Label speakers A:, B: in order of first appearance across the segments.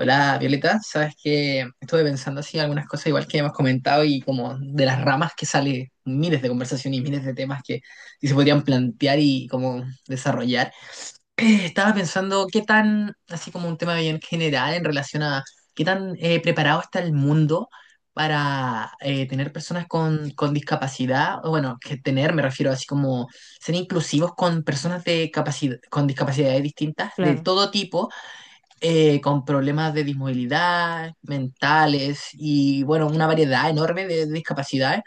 A: Hola Violeta, sabes que estuve pensando así algunas cosas igual que hemos comentado y como de las ramas que sale miles de conversaciones y miles de temas que sí se podrían plantear y como desarrollar. Estaba pensando qué tan, así como un tema bien general en relación a qué tan preparado está el mundo para tener personas con discapacidad, o bueno, que tener, me refiero así como ser inclusivos con personas de capacidad, con discapacidades distintas de
B: Claro.
A: todo tipo con problemas de dismovilidad, mentales y bueno, una variedad enorme de discapacidades.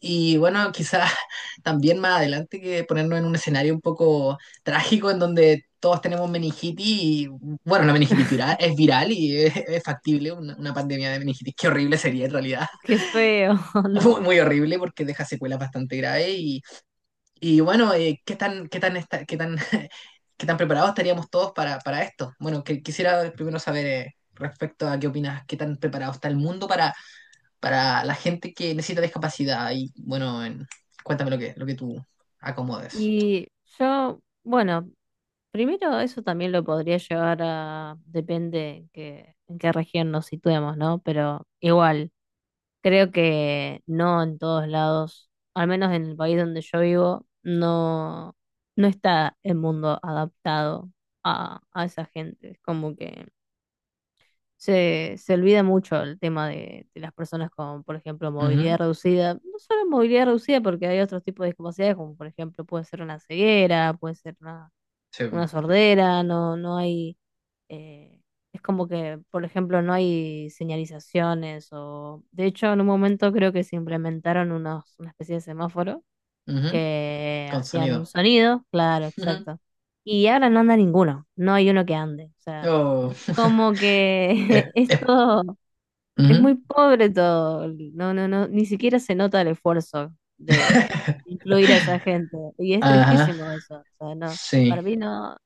A: Y bueno, quizás también más adelante que ponernos en un escenario un poco trágico en donde todos tenemos meningitis y bueno, la meningitis viral, es viral y es factible una pandemia de meningitis. Qué horrible sería en realidad.
B: Qué feo,
A: Muy,
B: ¿no?
A: muy horrible porque deja secuelas bastante graves y bueno, ¿qué tan, qué tan, qué tan, qué tan preparados estaríamos todos para esto? Bueno, que, quisiera primero saber respecto a qué opinas, qué tan preparado está el mundo para la gente que necesita discapacidad. Y bueno, cuéntame lo que tú acomodes.
B: Y yo, bueno, primero eso también lo podría llevar a, depende que, en qué región nos situemos, ¿no? Pero igual, creo que no en todos lados, al menos en el país donde yo vivo, no, no está el mundo adaptado a esa gente. Es como que se olvida mucho el tema de las personas con, por ejemplo, movilidad
A: Ujú,
B: reducida. No solo movilidad reducida, porque hay otros tipos de discapacidades, como por ejemplo puede ser una ceguera, puede ser una,
A: sí,
B: una sordera, no, eh, es como que, por ejemplo, no hay señalizaciones De hecho, en un momento creo que se implementaron unos, una especie de semáforo
A: ujú,
B: que
A: con
B: hacían un
A: sonido.
B: sonido, claro,
A: Ujú,
B: exacto. Y ahora no anda ninguno, no hay uno que ande. O sea,
A: oh,
B: como
A: eh,
B: que
A: eh,
B: esto es
A: ujú.
B: muy pobre todo. No, no, no, ni siquiera se nota el esfuerzo de incluir a esa gente. Y es
A: Ajá,
B: tristísimo eso. O sea, no, para
A: sí.
B: mí no,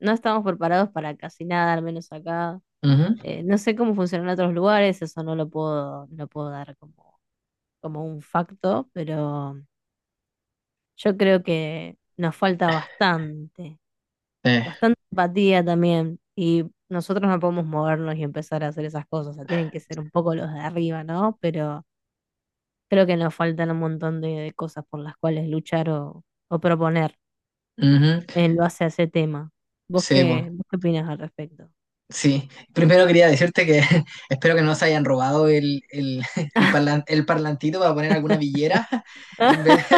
B: no estamos preparados para casi nada, al menos acá.
A: Ujú,
B: No sé cómo funcionan otros lugares, eso no lo puedo, no lo puedo dar como, como un facto, pero yo creo que nos falta bastante,
A: eh,
B: bastante empatía también. Y nosotros no podemos movernos y empezar a hacer esas cosas. O sea, tienen que ser un poco los de arriba, ¿no? Pero creo que nos faltan un montón de cosas por las cuales luchar o proponer
A: ujú,
B: en base a ese tema. ¿Vos
A: sí,
B: qué,
A: po.
B: vos qué opinás al respecto?
A: Sí, primero quería decirte que espero que no se hayan robado el, el parlantito para poner alguna villera en vez.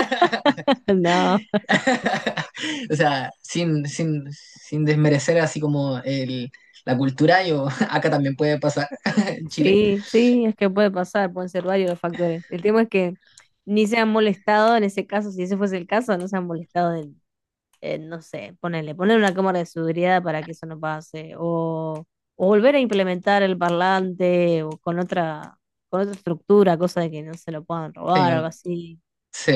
B: No,
A: O sea, sin desmerecer así como el, la cultura, yo acá también puede pasar en Chile.
B: sí, sí, es que puede pasar, pueden ser varios los factores. El tema es que ni se han molestado en ese caso, si ese fuese el caso, no se han molestado en, no sé, ponerle, poner una cámara de seguridad para que eso no pase, o volver a implementar el parlante o con otra estructura, cosa de que no se lo puedan
A: Sí,
B: robar o algo
A: bueno,
B: así.
A: sí.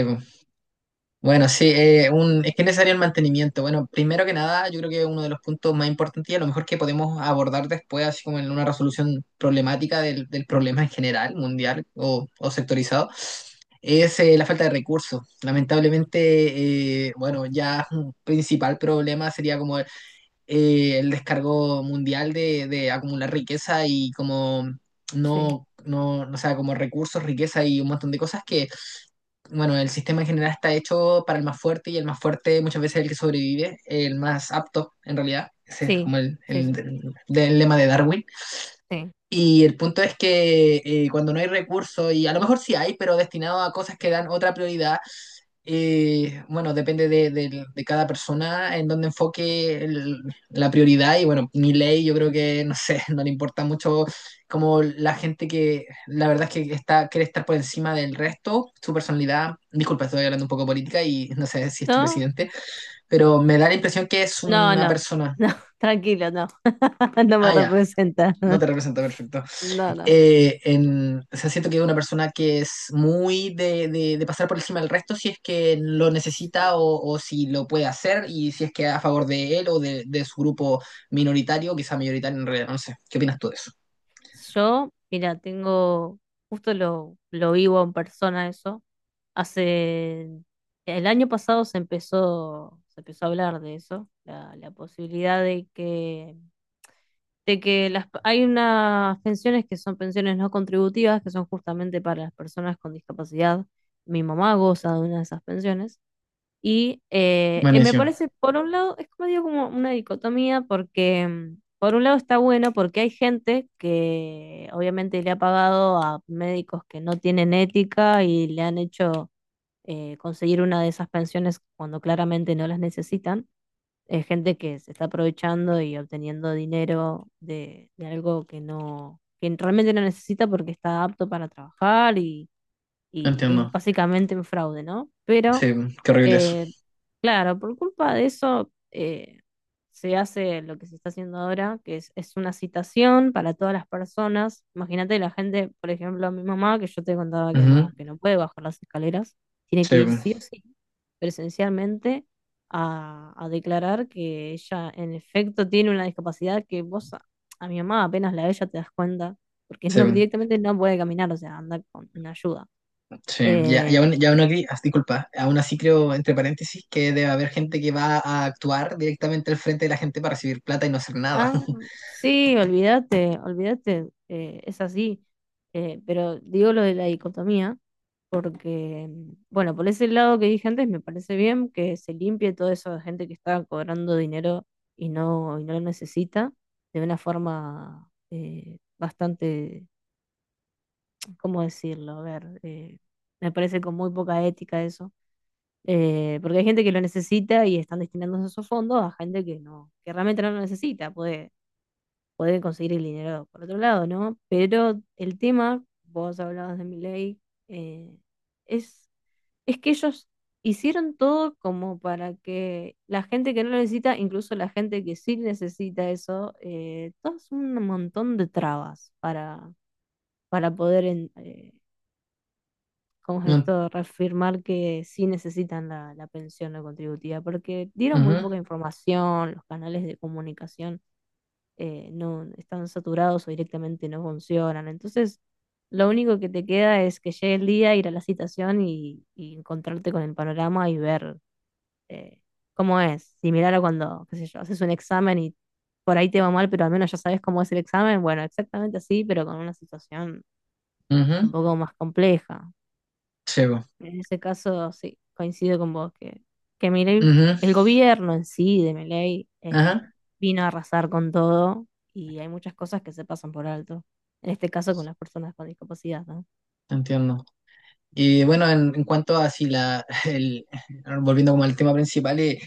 A: Bueno, sí, un, es que es necesario el mantenimiento. Bueno, primero que nada, yo creo que uno de los puntos más importantes y a lo mejor que podemos abordar después, así como en una resolución problemática del problema en general, mundial o sectorizado, es la falta de recursos. Lamentablemente, bueno, ya un principal problema sería como el descargo mundial de acumular riqueza y como
B: Sí.
A: no, no, o sea, como recursos, riqueza y un montón de cosas que bueno, el sistema en general está hecho para el más fuerte y el más fuerte muchas veces es el que sobrevive, el más apto en realidad. Ese es
B: Sí,
A: como el,
B: sí, sí,
A: el lema de Darwin.
B: sí.
A: Y el punto es que cuando no hay recursos, y a lo mejor sí hay, pero destinado a cosas que dan otra prioridad, bueno, depende de, de cada persona en dónde enfoque la prioridad y bueno, mi ley yo creo que, no sé, no le importa mucho como la gente que la verdad es que está, quiere estar por encima del resto, su personalidad, disculpa, estoy hablando un poco de política y no sé si es tu
B: No,
A: presidente, pero me da la impresión que es
B: no,
A: una
B: no,
A: persona,
B: no, tranquilo, no, no me
A: ah, ya,
B: representa.
A: no te representa perfecto,
B: No, no.
A: en, o sea, siento que es una persona que es muy de, de pasar por encima del resto si es que lo necesita
B: Sí.
A: o si lo puede hacer y si es que a favor de él o de su grupo minoritario, quizá mayoritario en realidad, no sé. ¿Qué opinas tú de eso?
B: Yo, mira, tengo, justo lo vivo en persona eso. Hace, el año pasado se empezó a hablar de eso, la posibilidad de que las, hay unas pensiones que son pensiones no contributivas, que son justamente para las personas con discapacidad. Mi mamá goza de una de esas pensiones. Y me
A: Buenísimo,
B: parece, por un lado, es como digo, como una dicotomía, porque por un lado está bueno porque hay gente que obviamente le ha pagado a médicos que no tienen ética y le han hecho conseguir una de esas pensiones cuando claramente no las necesitan. Es gente que se está aprovechando y obteniendo dinero de algo que no, que realmente no necesita porque está apto para trabajar y es
A: entiendo.
B: básicamente un fraude, ¿no? Pero
A: Sí, qué horrible eso.
B: eh, claro, por culpa de eso se hace lo que se está haciendo ahora, que es una citación para todas las personas. Imagínate la gente, por ejemplo, mi mamá, que yo te contaba
A: Ujú,
B: que no puede bajar las escaleras, tiene
A: sí,
B: que ir sí o sí presencialmente a declarar que ella en efecto tiene una discapacidad que vos a mi mamá apenas la ves ya te das cuenta, porque
A: sí.
B: no, directamente no puede caminar, o sea, anda con una ayuda.
A: Sí, ya,
B: Eh,
A: ya, aún, ya uno aquí, disculpa, aún así creo, entre paréntesis, que debe haber gente que va a actuar directamente al frente de la gente para recibir plata y no hacer nada.
B: Ah, sí, olvídate, olvídate, es así. Pero digo lo de la dicotomía, porque, bueno, por ese lado que dije antes, me parece bien que se limpie toda esa gente que está cobrando dinero y no lo necesita de una forma bastante, ¿cómo decirlo? A ver, me parece con muy poca ética eso. Porque hay gente que lo necesita y están destinando esos fondos a gente que no, que realmente no lo necesita, poder conseguir el dinero por otro lado, ¿no? Pero el tema, vos hablabas de Milei, eh, es, es que ellos hicieron todo como para que la gente que no lo necesita, incluso la gente que sí necesita eso, todo es un montón de trabas para poder, ¿cómo es
A: No,
B: esto? Reafirmar que sí necesitan la pensión no contributiva, porque dieron muy
A: ujú,
B: poca información, los canales de comunicación no están saturados o directamente no funcionan. Entonces, lo único que te queda es que llegue el día, ir a la citación y encontrarte con el panorama y ver eh, cómo es. Similar a cuando, qué sé yo, haces un examen y por ahí te va mal, pero al menos ya sabes cómo es el examen. Bueno, exactamente así, pero con una situación
A: ujú,
B: un poco más compleja.
A: sí, po,
B: En ese caso, sí, coincido con vos que Milei,
A: ujú,
B: el gobierno en sí de Milei
A: ajá,
B: vino a arrasar con todo y hay muchas cosas que se pasan por alto. En este caso con las personas con discapacidad, ¿no?
A: entiendo. Y bueno, en cuanto a si la, el, volviendo como al tema principal, eh,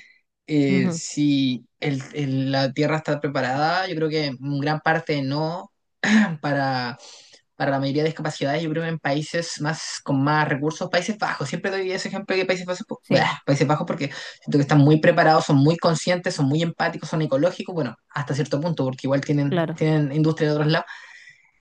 A: eh,
B: Ujú,
A: si la Tierra está preparada, yo creo que en gran parte no, para, para la mayoría de discapacidades, yo creo que en países más con más recursos, Países Bajos. Siempre doy ese ejemplo de Países Bajos,
B: sí,
A: bah, Países Bajos porque siento que están muy preparados, son muy conscientes, son muy empáticos, son ecológicos, bueno, hasta cierto punto, porque igual tienen,
B: claro.
A: tienen industria de otros lados.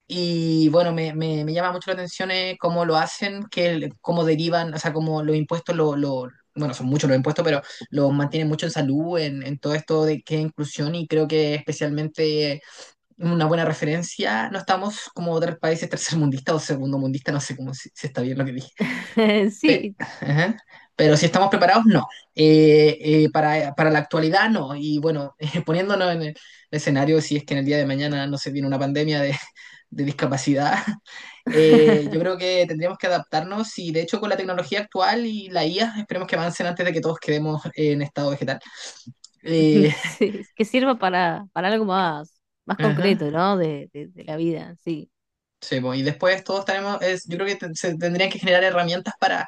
A: Y bueno, me llama mucho la atención cómo lo hacen, que, cómo derivan, o sea, cómo los impuestos lo bueno, son muchos los impuestos, pero los mantienen mucho en salud, en todo esto de que es inclusión y creo que especialmente una buena referencia. No estamos como otros países tercermundistas o segundomundistas, no sé cómo si, si está bien lo que dije.
B: Sí,
A: Ajá. Pero si estamos preparados, no. Para la actualidad, no. Y bueno, poniéndonos en el escenario, si es que en el día de mañana no se viene una pandemia de discapacidad, yo creo que tendríamos que adaptarnos y de hecho con la tecnología actual y la IA, esperemos que avancen antes de que todos quedemos en estado vegetal. Eh,
B: sí, que sirva para algo más, más
A: ajá.
B: concreto, ¿no? De la vida, sí.
A: Sí, pues, y después todos tenemos, es, yo creo que se tendrían que generar herramientas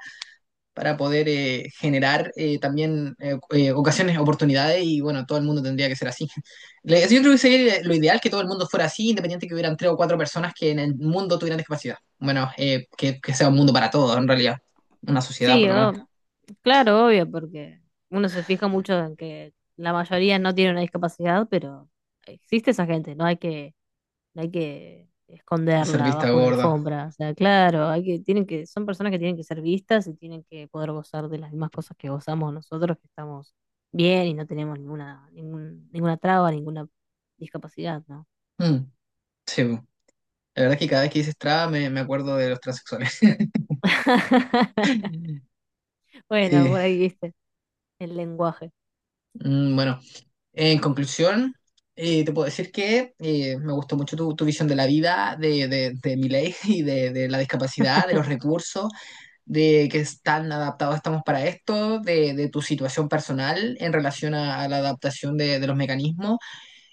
A: para poder generar también ocasiones, oportunidades y bueno, todo el mundo tendría que ser así. Yo creo que sería lo ideal que todo el mundo fuera así, independiente que hubieran tres o cuatro personas que en el mundo tuvieran discapacidad. Bueno, que sea un mundo para todos, en realidad. Una sociedad,
B: Sí,
A: por lo menos.
B: claro, obvio, porque uno se fija mucho en que la mayoría no tiene una discapacidad, pero existe esa gente, no hay que hay que
A: Hacer
B: esconderla
A: vista
B: bajo una
A: gorda.
B: alfombra. O sea, claro, hay que, tienen que, son personas que tienen que ser vistas y tienen que poder gozar de las mismas cosas que gozamos nosotros, que estamos bien y no tenemos ninguna, ningún, ninguna traba, ninguna discapacidad, ¿no?
A: Mm, sí, pues. La verdad es que cada vez que dices traba me acuerdo de los transexuales.
B: Bueno,
A: Eh,
B: por ahí viste el lenguaje.
A: bueno. En conclusión, te puedo decir que me gustó mucho tu, tu visión de la vida, de Milei y de la discapacidad, de los recursos, de que tan adaptados estamos para esto, de tu situación personal en relación a la adaptación de los mecanismos.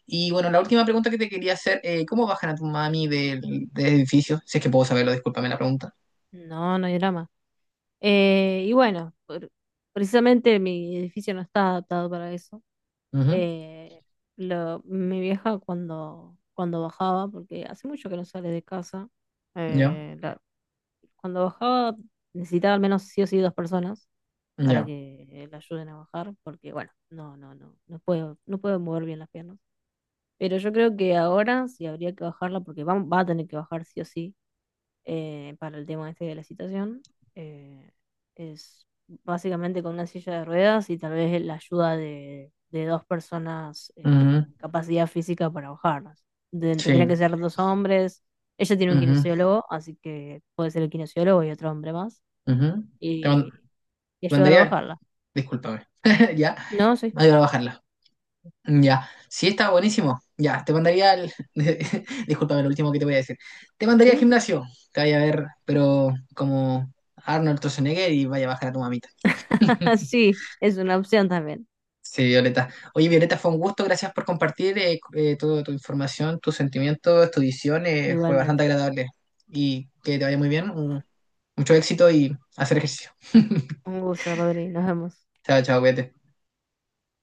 A: Y bueno, la última pregunta que te quería hacer, ¿cómo bajan a tu mami del, del edificio? Si es que puedo saberlo, discúlpame la pregunta.
B: No, no hay drama. Y bueno, precisamente mi edificio no está adaptado para eso.
A: Ujú,
B: Eh, Mi vieja cuando, cuando bajaba, porque hace mucho que no sale de casa,
A: ya,
B: eh, la- cuando bajaba necesitaba al menos sí o sí dos personas para
A: ya.
B: que la ayuden a bajar, porque bueno, no, no, no, no puedo, no puedo mover bien las piernas. Pero yo creo que ahora sí habría que bajarla porque va, va a tener que bajar sí o sí para el tema este de la citación. eh, es básicamente con una silla de ruedas y tal vez la ayuda de dos personas
A: Ujú,
B: con capacidad física para bajarlas.
A: sí.
B: Tendrían que ser dos hombres. Ella tiene un
A: Ujú,
B: kinesiólogo, así que puede ser el kinesiólogo y otro hombre más
A: ujú. Te mand-
B: y, y
A: Te
B: ayudar a
A: mandaría...
B: bajarla.
A: Discúlpame. Ya,
B: No, sí.
A: no iba a bajarla. Ya, sí, está buenísimo. Ya, te mandaría al. Discúlpame, lo último que te voy a decir. Te mandaría al
B: Sí,
A: gimnasio. Te vaya a ver, pero como Arnold Schwarzenegger y vaya a bajar a tu mamita.
B: sí, es una opción también.
A: Sí, Violeta. Oye, Violeta, fue un gusto. Gracias por compartir toda tu información, tus sentimientos, tu visión. Fue
B: Igualmente.
A: bastante agradable. Y que te vaya muy bien. Mucho éxito y hacer ejercicio.
B: Un gusto, Rodri. Nos vemos.
A: Chao, chao, cuídate.